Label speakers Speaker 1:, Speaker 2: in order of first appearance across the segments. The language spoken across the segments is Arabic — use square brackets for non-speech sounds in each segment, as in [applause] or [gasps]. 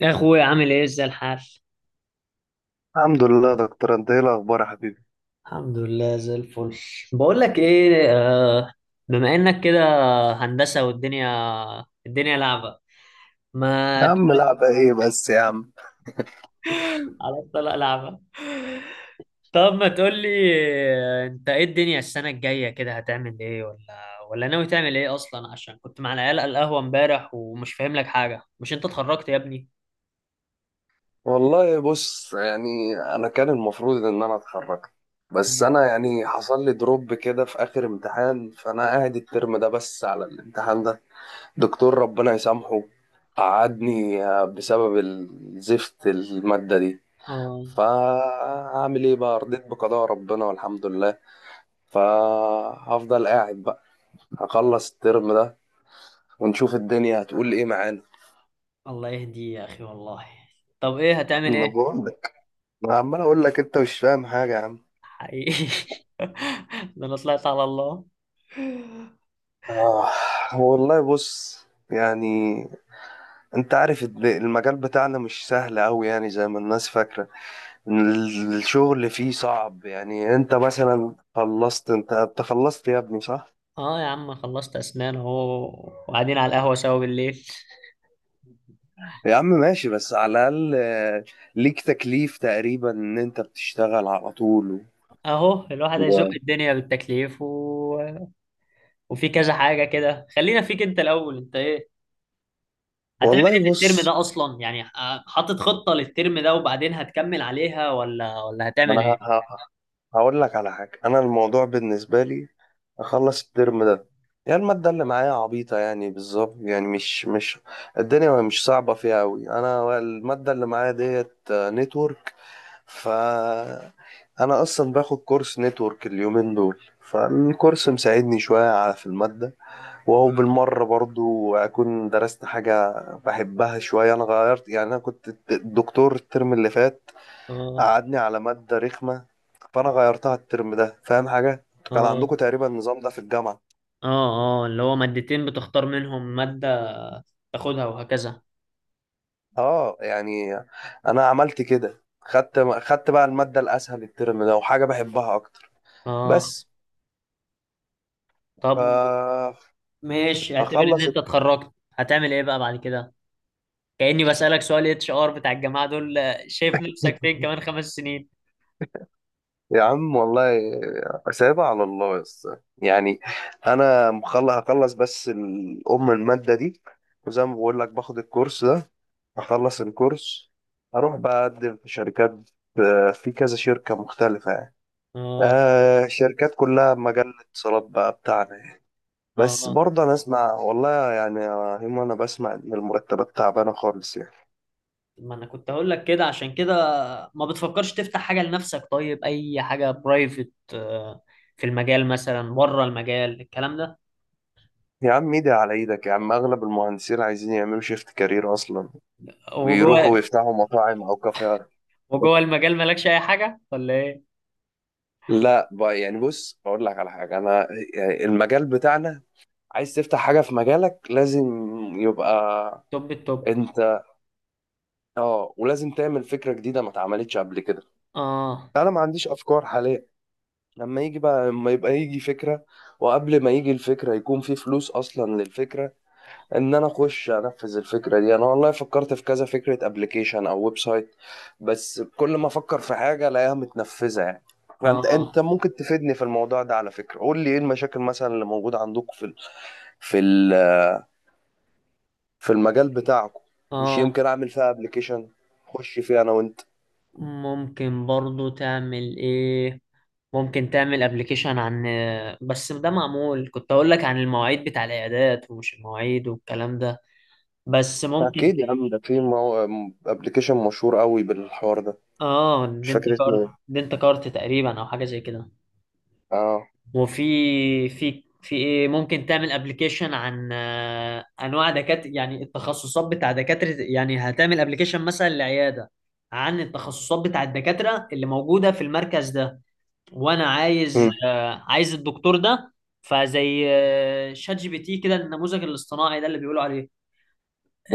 Speaker 1: يا اخويا، عامل ايه؟ ازاي الحال؟
Speaker 2: الحمد لله يا دكتور، انت ايه الاخبار يا حبيبي؟
Speaker 1: الحمد لله، زي الفل. بقول لك ايه، بما انك كده هندسة، والدنيا الدنيا لعبة.
Speaker 2: يا
Speaker 1: ما
Speaker 2: عم،
Speaker 1: [gasps]
Speaker 2: لعبة ايه بس يا عم؟
Speaker 1: [laughs] على الطلاق لعبة. طب ما تقول لي، انت ايه الدنيا السنة الجاية كده؟ هتعمل ايه؟ ولا ناوي تعمل ايه اصلا؟ عشان كنت مع العيال على القهوة امبارح ومش فاهم لك حاجة. مش انت اتخرجت يا ابني؟
Speaker 2: والله بص، يعني انا كان المفروض ان انا اتخرج. بس
Speaker 1: إيه؟
Speaker 2: انا يعني حصل لي دروب كده في اخر امتحان، فانا قاعد الترم ده بس على الامتحان ده. دكتور ربنا يسامحه قعدني بسبب الزفت المادة دي.
Speaker 1: اه.
Speaker 2: فهعمل ايه بقى، رضيت بقضاء ربنا والحمد لله. فهفضل قاعد بقى، هخلص الترم ده ونشوف الدنيا هتقول ايه معانا.
Speaker 1: الله يهدي يا اخي والله. طب ايه هتعمل
Speaker 2: انا
Speaker 1: ايه؟
Speaker 2: بقول لك، انا عمال اقول لك انت مش فاهم حاجه يا عم.
Speaker 1: حقيقي. [laughs] ده انا طلعت على الله.
Speaker 2: آه، والله بص يعني، انت عارف المجال بتاعنا مش سهل قوي، يعني زي ما الناس فاكره. الشغل فيه صعب، يعني انت مثلا خلصت، انت خلصت يا ابني، صح؟
Speaker 1: اه يا عم، خلصت اسنان اهو وقاعدين على القهوة سوا بالليل.
Speaker 2: يا عم ماشي، بس على الاقل ليك تكليف تقريبا ان انت بتشتغل على طول
Speaker 1: اهو الواحد هيزق
Speaker 2: و...
Speaker 1: الدنيا بالتكليف و... وفي كذا حاجة كده. خلينا فيك انت الاول. انت ايه هتعمل ايه
Speaker 2: والله
Speaker 1: في الترم
Speaker 2: بص،
Speaker 1: ده اصلا؟ يعني حاطط خطة للترم ده وبعدين هتكمل عليها، ولا هتعمل
Speaker 2: انا
Speaker 1: ايه؟
Speaker 2: هقول لك على حاجه، انا الموضوع بالنسبه لي اخلص الترم ده. يعني المادة اللي معايا عبيطة يعني بالظبط، يعني مش الدنيا مش صعبة فيها أوي، أنا المادة اللي معايا ديت نتورك. ف أنا أصلا باخد كورس نتورك اليومين دول، فالكورس مساعدني شوية على في المادة، وهو بالمرة برضو أكون درست حاجة بحبها شوية. أنا غيرت يعني، أنا كنت الدكتور الترم اللي فات
Speaker 1: اه.
Speaker 2: قعدني على مادة رخمة، فأنا غيرتها الترم ده، فاهم حاجة؟ كان
Speaker 1: اه.
Speaker 2: عندكم تقريبا النظام ده في الجامعة.
Speaker 1: اه. اه، اللي هو مادتين بتختار منهم مادة تاخدها وهكذا.
Speaker 2: اه، يعني انا عملت كده، خدت بقى المادة الاسهل الترم ده، وحاجة بحبها اكتر.
Speaker 1: اه.
Speaker 2: بس.
Speaker 1: طب
Speaker 2: ف
Speaker 1: ماشي، اعتبر ان
Speaker 2: هخلص
Speaker 1: انت
Speaker 2: الت-
Speaker 1: اتخرجت، هتعمل ايه بقى بعد كده؟ كأني بسألك سؤال اتش ار بتاع الجماعة دول. شايف نفسك فين كمان
Speaker 2: [laughs]
Speaker 1: 5 سنين؟
Speaker 2: يا عم والله، سايبها على الله بس، يعني انا مخلص، هخلص بس الام المادة دي، وزي ما بقول لك باخد الكورس ده، هخلص الكورس، هروح بقى اقدم في شركات، في كذا شركة مختلفة يعني،
Speaker 1: اه.
Speaker 2: شركات كلها مجال الاتصالات بقى بتاعنا. بس
Speaker 1: اه،
Speaker 2: برضه انا اسمع والله، يعني يا هيما انا بسمع ان المرتبات تعبانه خالص يعني.
Speaker 1: ما انا كنت هقول لك كده عشان كده. ما بتفكرش تفتح حاجة لنفسك طيب؟ اي حاجة برايفت في المجال مثلا؟ بره المجال الكلام ده؟
Speaker 2: يا عم ايدي على ايدك، يا عم اغلب المهندسين عايزين يعملوا شيفت كارير اصلا، ويروحوا
Speaker 1: وجوه.
Speaker 2: ويفتحوا مطاعم او كافيهات.
Speaker 1: وجوه المجال مالكش اي حاجة ولا ايه؟
Speaker 2: لا بقى، يعني بص اقول لك على حاجه، انا يعني المجال بتاعنا، عايز تفتح حاجه في مجالك لازم يبقى
Speaker 1: توب التوب.
Speaker 2: انت، اه، ولازم تعمل فكره جديده ما اتعملتش قبل كده.
Speaker 1: اه.
Speaker 2: انا ما عنديش افكار حاليا، لما يجي بقى، لما يبقى يجي فكره، وقبل ما يجي الفكره يكون في فلوس اصلا للفكره، ان انا اخش انفذ الفكره دي. انا والله فكرت في كذا فكره، ابلكيشن او ويب سايت، بس كل ما افكر في حاجه الاقيها متنفذه يعني. فانت
Speaker 1: اه.
Speaker 2: ممكن تفيدني في الموضوع ده، على فكره قول لي ايه المشاكل مثلا اللي موجوده عندكم في ال- في المجال بتاعكم. مش
Speaker 1: اه.
Speaker 2: يمكن اعمل فيها ابلكيشن اخش فيه انا وانت؟
Speaker 1: ممكن برضو تعمل ايه. ممكن تعمل ابلكيشن عن... بس ده معمول. كنت اقول لك عن المواعيد بتاع العيادات، ومش المواعيد والكلام ده، بس ممكن.
Speaker 2: اكيد يا عم، ده في ابلكيشن مشهور قوي بالحوار ده،
Speaker 1: اه،
Speaker 2: مش
Speaker 1: دنت
Speaker 2: فاكر اسمه ايه.
Speaker 1: كارت، دنت كارت تقريبا، او حاجه زي كده.
Speaker 2: اه.
Speaker 1: وفي في في ايه، ممكن تعمل ابلكيشن عن انواع دكاتره، يعني التخصصات بتاع دكاتره. يعني هتعمل ابلكيشن مثلا لعياده عن التخصصات بتاع الدكاتره اللي موجوده في المركز ده، وانا عايز
Speaker 2: مم.
Speaker 1: عايز الدكتور ده. فزي شات جي بي تي كده، النموذج الاصطناعي ده اللي بيقولوا عليه.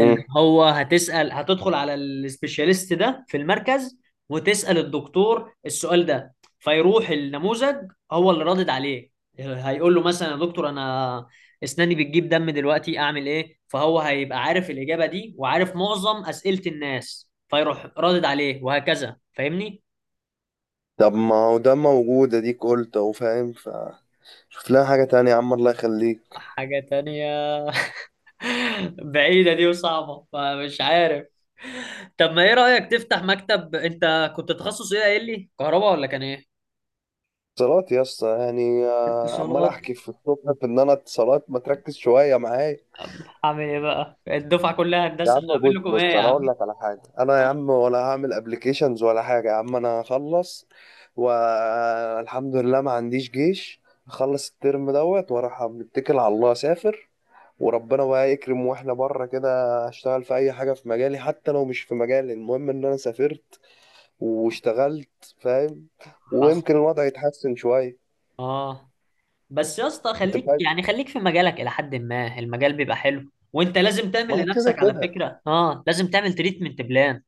Speaker 1: اللي هو هتسأل، هتدخل على السبيشاليست ده في المركز وتسأل الدكتور السؤال ده، فيروح النموذج هو اللي رادد عليه، هيقول له مثلا يا دكتور، انا اسناني بتجيب دم دلوقتي، اعمل ايه؟ فهو هيبقى عارف الإجابة دي وعارف معظم أسئلة الناس، فيروح رادد عليه وهكذا. فاهمني؟
Speaker 2: طب ما هو ده موجود، اديك قلت اهو فاهم، فشوف لها حاجه تانية يا عم الله يخليك.
Speaker 1: حاجة تانية. [laughs] بعيدة دي وصعبة، فمش عارف. طب ما ايه رأيك تفتح مكتب؟ انت كنت تخصص ايه قايل لي؟ كهرباء ولا كان ايه؟
Speaker 2: اتصالات يا اسطى، يعني عمال
Speaker 1: اتصالات.
Speaker 2: احكي في الصبح في ان انا اتصالات، ما تركز شويه معايا.
Speaker 1: طب هعمل ايه بقى؟ الدفعة كلها
Speaker 2: يا
Speaker 1: هندسة،
Speaker 2: عم
Speaker 1: اعمل
Speaker 2: بص
Speaker 1: لكم ايه
Speaker 2: بص،
Speaker 1: يا
Speaker 2: انا اقول
Speaker 1: عم؟
Speaker 2: لك على حاجه، انا يا عم ولا هعمل ابلكيشنز ولا حاجه، يا عم انا هخلص والحمد لله ما عنديش جيش، هخلص الترم دوت واروح متكل على الله اسافر، وربنا بقى يكرم واحنا بره كده، اشتغل في اي حاجه في مجالي، حتى لو مش في مجالي، المهم ان انا سافرت واشتغلت، فاهم؟
Speaker 1: حصل.
Speaker 2: ويمكن الوضع يتحسن شويه.
Speaker 1: اه. بس يا اسطى
Speaker 2: انت
Speaker 1: خليك
Speaker 2: فاهم،
Speaker 1: يعني خليك في مجالك الى حد ما، المجال بيبقى حلو، وانت لازم
Speaker 2: ما
Speaker 1: تعمل
Speaker 2: هو كده
Speaker 1: لنفسك على
Speaker 2: كده.
Speaker 1: فكرة. اه، لازم تعمل تريتمنت بلان.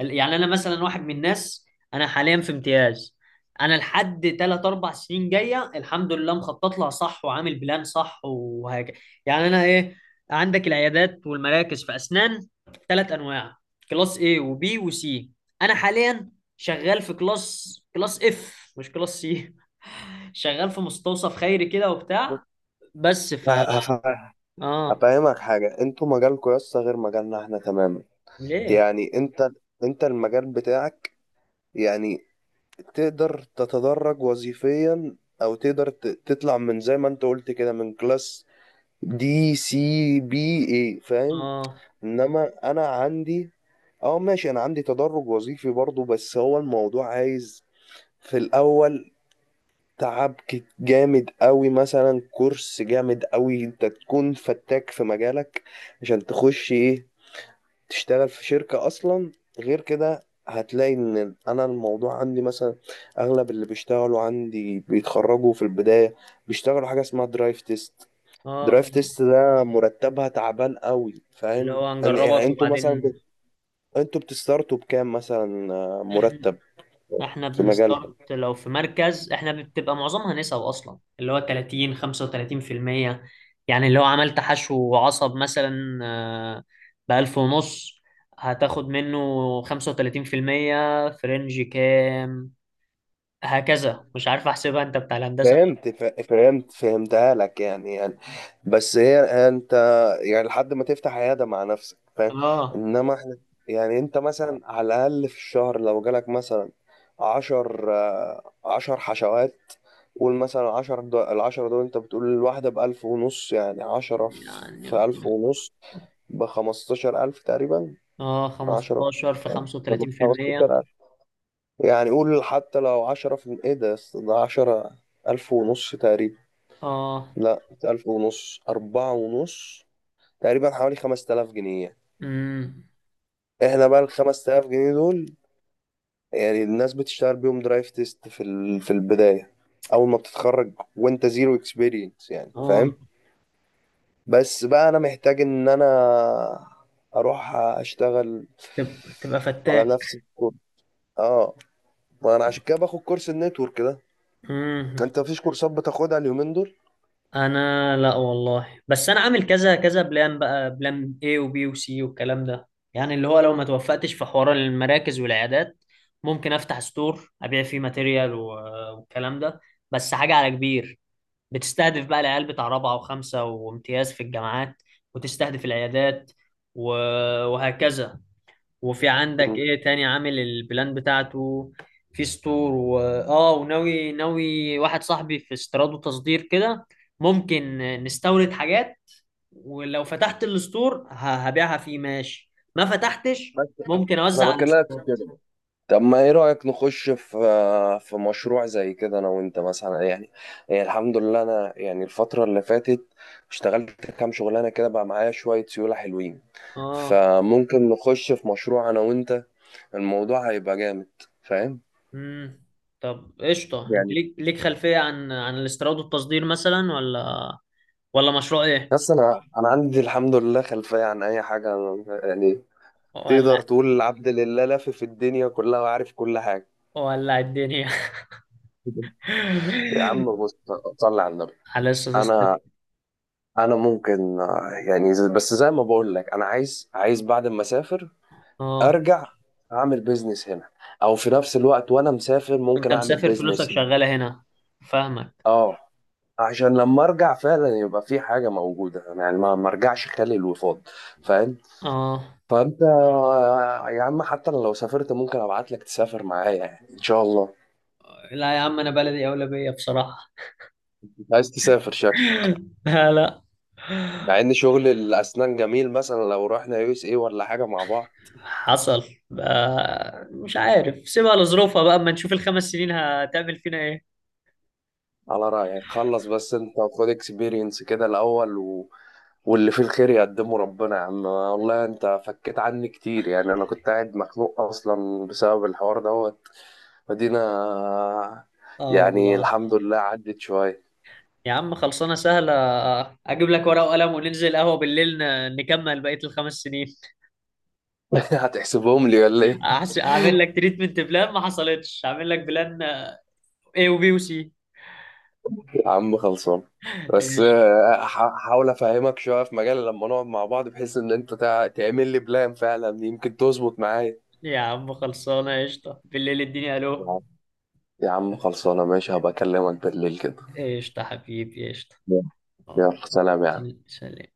Speaker 1: يعني انا مثلا واحد من الناس، انا حاليا في امتياز. انا لحد 3 4 سنين جايه الحمد لله مخطط لها صح، وعامل بلان صح وهكذا. يعني انا ايه. عندك العيادات والمراكز في اسنان ثلاث انواع: كلاس A وبي وسي. انا حاليا شغال في كلاس اف، مش كلاس سي. [laughs] شغال في مستوصف خيري كده وبتاع. بس ف...
Speaker 2: ه- هف-
Speaker 1: اه.
Speaker 2: هفهمك حاجة، انتوا مجالكوا يسطا غير مجالنا احنا تماما.
Speaker 1: ليه؟
Speaker 2: يعني انت المجال بتاعك، يعني تقدر تتدرج وظيفيا، او تقدر تطلع من زي ما انت قلت كده، من كلاس دي، سي، بي، اي، فاهم.
Speaker 1: اه.
Speaker 2: انما انا عندي، اه ماشي، انا عندي تدرج وظيفي برضو، بس هو الموضوع عايز في الاول تعب جامد قوي، مثلا كورس جامد قوي انت تكون فتاك في مجالك عشان تخش ايه، تشتغل في شركة اصلا. غير كده هتلاقي ان انا الموضوع عندي مثلا، اغلب اللي بيشتغلوا عندي بيتخرجوا في البداية، بيشتغلوا حاجة اسمها درايف تيست.
Speaker 1: اه،
Speaker 2: درايف
Speaker 1: فاهم.
Speaker 2: تيست ده مرتبها تعبان قوي،
Speaker 1: اللي
Speaker 2: فاهم
Speaker 1: هو
Speaker 2: يعني
Speaker 1: هنجربك
Speaker 2: انتوا مثلا
Speaker 1: وبعدين.
Speaker 2: انتوا بتستارتوا بكام مثلا،
Speaker 1: [laughs]
Speaker 2: مرتب
Speaker 1: احنا
Speaker 2: في مجالكم؟
Speaker 1: بنستارت لو في مركز احنا بتبقى معظمها نسب اصلا، اللي هو 30 35%. يعني لو عملت حشو عصب مثلا بألف ونص، هتاخد منه 35% في رينج كام. هكذا مش عارف احسبها، انت بتاع الهندسة.
Speaker 2: فهمت فهمتها لك، يعني بس هي، انت يعني لحد ما تفتح عياده مع نفسك، فاهم.
Speaker 1: اه.
Speaker 2: انما احنا، يعني انت مثلا على الاقل في الشهر لو جالك مثلا عشر حشوات. قول مثلا عشر دو العشرة دول، انت بتقول الواحدة بألف ونص، يعني عشرة في
Speaker 1: يعني.
Speaker 2: في ألف ونص، بخمستاشر ألف تقريبا.
Speaker 1: اه،
Speaker 2: عشرة
Speaker 1: 15 في 35%.
Speaker 2: خمستاشر ألف، يعني قول حتى لو عشرة في ايه ده عشرة، ألف ونص تقريبا.
Speaker 1: اه.
Speaker 2: لا، ألف ونص أربعة ونص تقريبا، حوالي خمس تلاف جنيه.
Speaker 1: امم.
Speaker 2: احنا بقى الخمس تلاف جنيه دول، يعني الناس بتشتغل بيهم درايف تيست في البداية، أول ما بتتخرج وأنت زيرو اكسبيرينس يعني، فاهم.
Speaker 1: اه.
Speaker 2: بس بقى أنا محتاج إن أنا أروح أشتغل
Speaker 1: تبقى فتاك.
Speaker 2: على نفس الكورس. اه، ما أنا عشان كده باخد كورس النتورك ده.
Speaker 1: امم.
Speaker 2: أنت مفيش كورسات بتاخدها اليومين دول؟
Speaker 1: انا لا والله، بس انا عامل كذا كذا بلان بقى، بلان A وبي وسي والكلام ده. يعني اللي هو لو ما توفقتش في حوار المراكز والعيادات، ممكن افتح ستور ابيع فيه ماتيريال و- والكلام ده. بس حاجة على كبير، بتستهدف بقى العيال بتاع رابعة وخمسة وامتياز في الجامعات، وتستهدف العيادات و- وهكذا. وفي عندك
Speaker 2: مم.
Speaker 1: ايه تاني عامل البلان بتاعته. في ستور و... اه، وناوي ناوي واحد صاحبي في استيراد وتصدير كده. ممكن نستورد حاجات، ولو فتحت الستور هبيعها فيه، ماشي. ما فتحتش
Speaker 2: بس
Speaker 1: ممكن
Speaker 2: أنا
Speaker 1: اوزع على
Speaker 2: بكلمك في
Speaker 1: الستور.
Speaker 2: كده. طب ما ايه رأيك، نخش في مشروع زي كده انا وانت مثلا، يعني يعني الحمد لله انا، يعني الفترة اللي فاتت اشتغلت كام شغلانة، كده بقى معايا شوية سيولة حلوين.
Speaker 1: اه.
Speaker 2: فممكن نخش في مشروع انا وانت، الموضوع هيبقى جامد، فاهم
Speaker 1: امم. طب قشطه، انت
Speaker 2: يعني.
Speaker 1: ليك خلفيه عن الاستيراد والتصدير مثلا ولا؟ ولا مشروع ايه؟
Speaker 2: بس انا عندي الحمد لله خلفية عن اي حاجة يعني، تقدر
Speaker 1: ولا
Speaker 2: تقول العبد لله لافف في الدنيا كلها وعارف كل حاجة.
Speaker 1: ولا الدنيا.
Speaker 2: [laughs] يا عم
Speaker 1: [laughs]
Speaker 2: بص، صلي على النبي،
Speaker 1: على اساس.
Speaker 2: انا انا ممكن يعني بس زي ما بقول لك، انا عايز بعد ما اسافر
Speaker 1: اه.
Speaker 2: ارجع اعمل بيزنس هنا، او في نفس الوقت وانا مسافر
Speaker 1: انت
Speaker 2: ممكن اعمل
Speaker 1: مسافر فلوسك
Speaker 2: بيزنس هنا.
Speaker 1: شغالة هنا، فاهمك.
Speaker 2: اه، عشان لما ارجع فعلا يبقى في حاجه موجوده، يعني ما ارجعش خالي الوفاض، فاهم.
Speaker 1: اه.
Speaker 2: فانت يا عم، حتى أنا لو سافرت ممكن ابعت لك تسافر معايا، يعني ان شاء الله.
Speaker 1: لا يا عم، انا بلدي اولى بيا بصراحة.
Speaker 2: انت عايز تسافر شكلك،
Speaker 1: [laughs] لا، لا.
Speaker 2: مع ان شغل الاسنان جميل، مثلا لو رحنا USA ولا حاجه مع بعض.
Speaker 1: حصل. بقى مش عارف، سيبها لظروفها بقى، اما نشوف ال5 سنين هتعمل فينا ايه.
Speaker 2: على رأيك خلص، بس انت خد اكسبيرينس كده الأول. واللي فيه الخير يقدمه ربنا، يا عم والله انت فكيت عني كتير، يعني انا كنت قاعد مخنوق اصلا بسبب الحوار دوت، فدينا،
Speaker 1: اه
Speaker 2: يعني
Speaker 1: والله.
Speaker 2: الحمد لله عدت شوية.
Speaker 1: يا عم خلصانة سهلة. اجيب لك ورقة وقلم وننزل قهوة بالليل، نكمل بقية ال5 سنين.
Speaker 2: [laughs] هتحسبهم لي ولا
Speaker 1: [laughs]
Speaker 2: ايه؟
Speaker 1: اعمل لك تريتمنت بلان، ما حصلتش، اعمل لك بلان اي وبي وسي.
Speaker 2: يا عم خلصان، بس
Speaker 1: ايش.
Speaker 2: هحاول افهمك شوية في مجال لما نقعد مع بعض، بحيث ان انت تعمل لي بلان فعلا، يمكن تظبط معايا.
Speaker 1: يا عم خلصانة، قشطة بالليل، اديني
Speaker 2: يا
Speaker 1: الو.
Speaker 2: عم، يا عم خلصانة ماشي، هبقى اكلمك بالليل كده.
Speaker 1: قشطة حبيبي قشطة.
Speaker 2: يلا، سلام يا عم.
Speaker 1: سلام.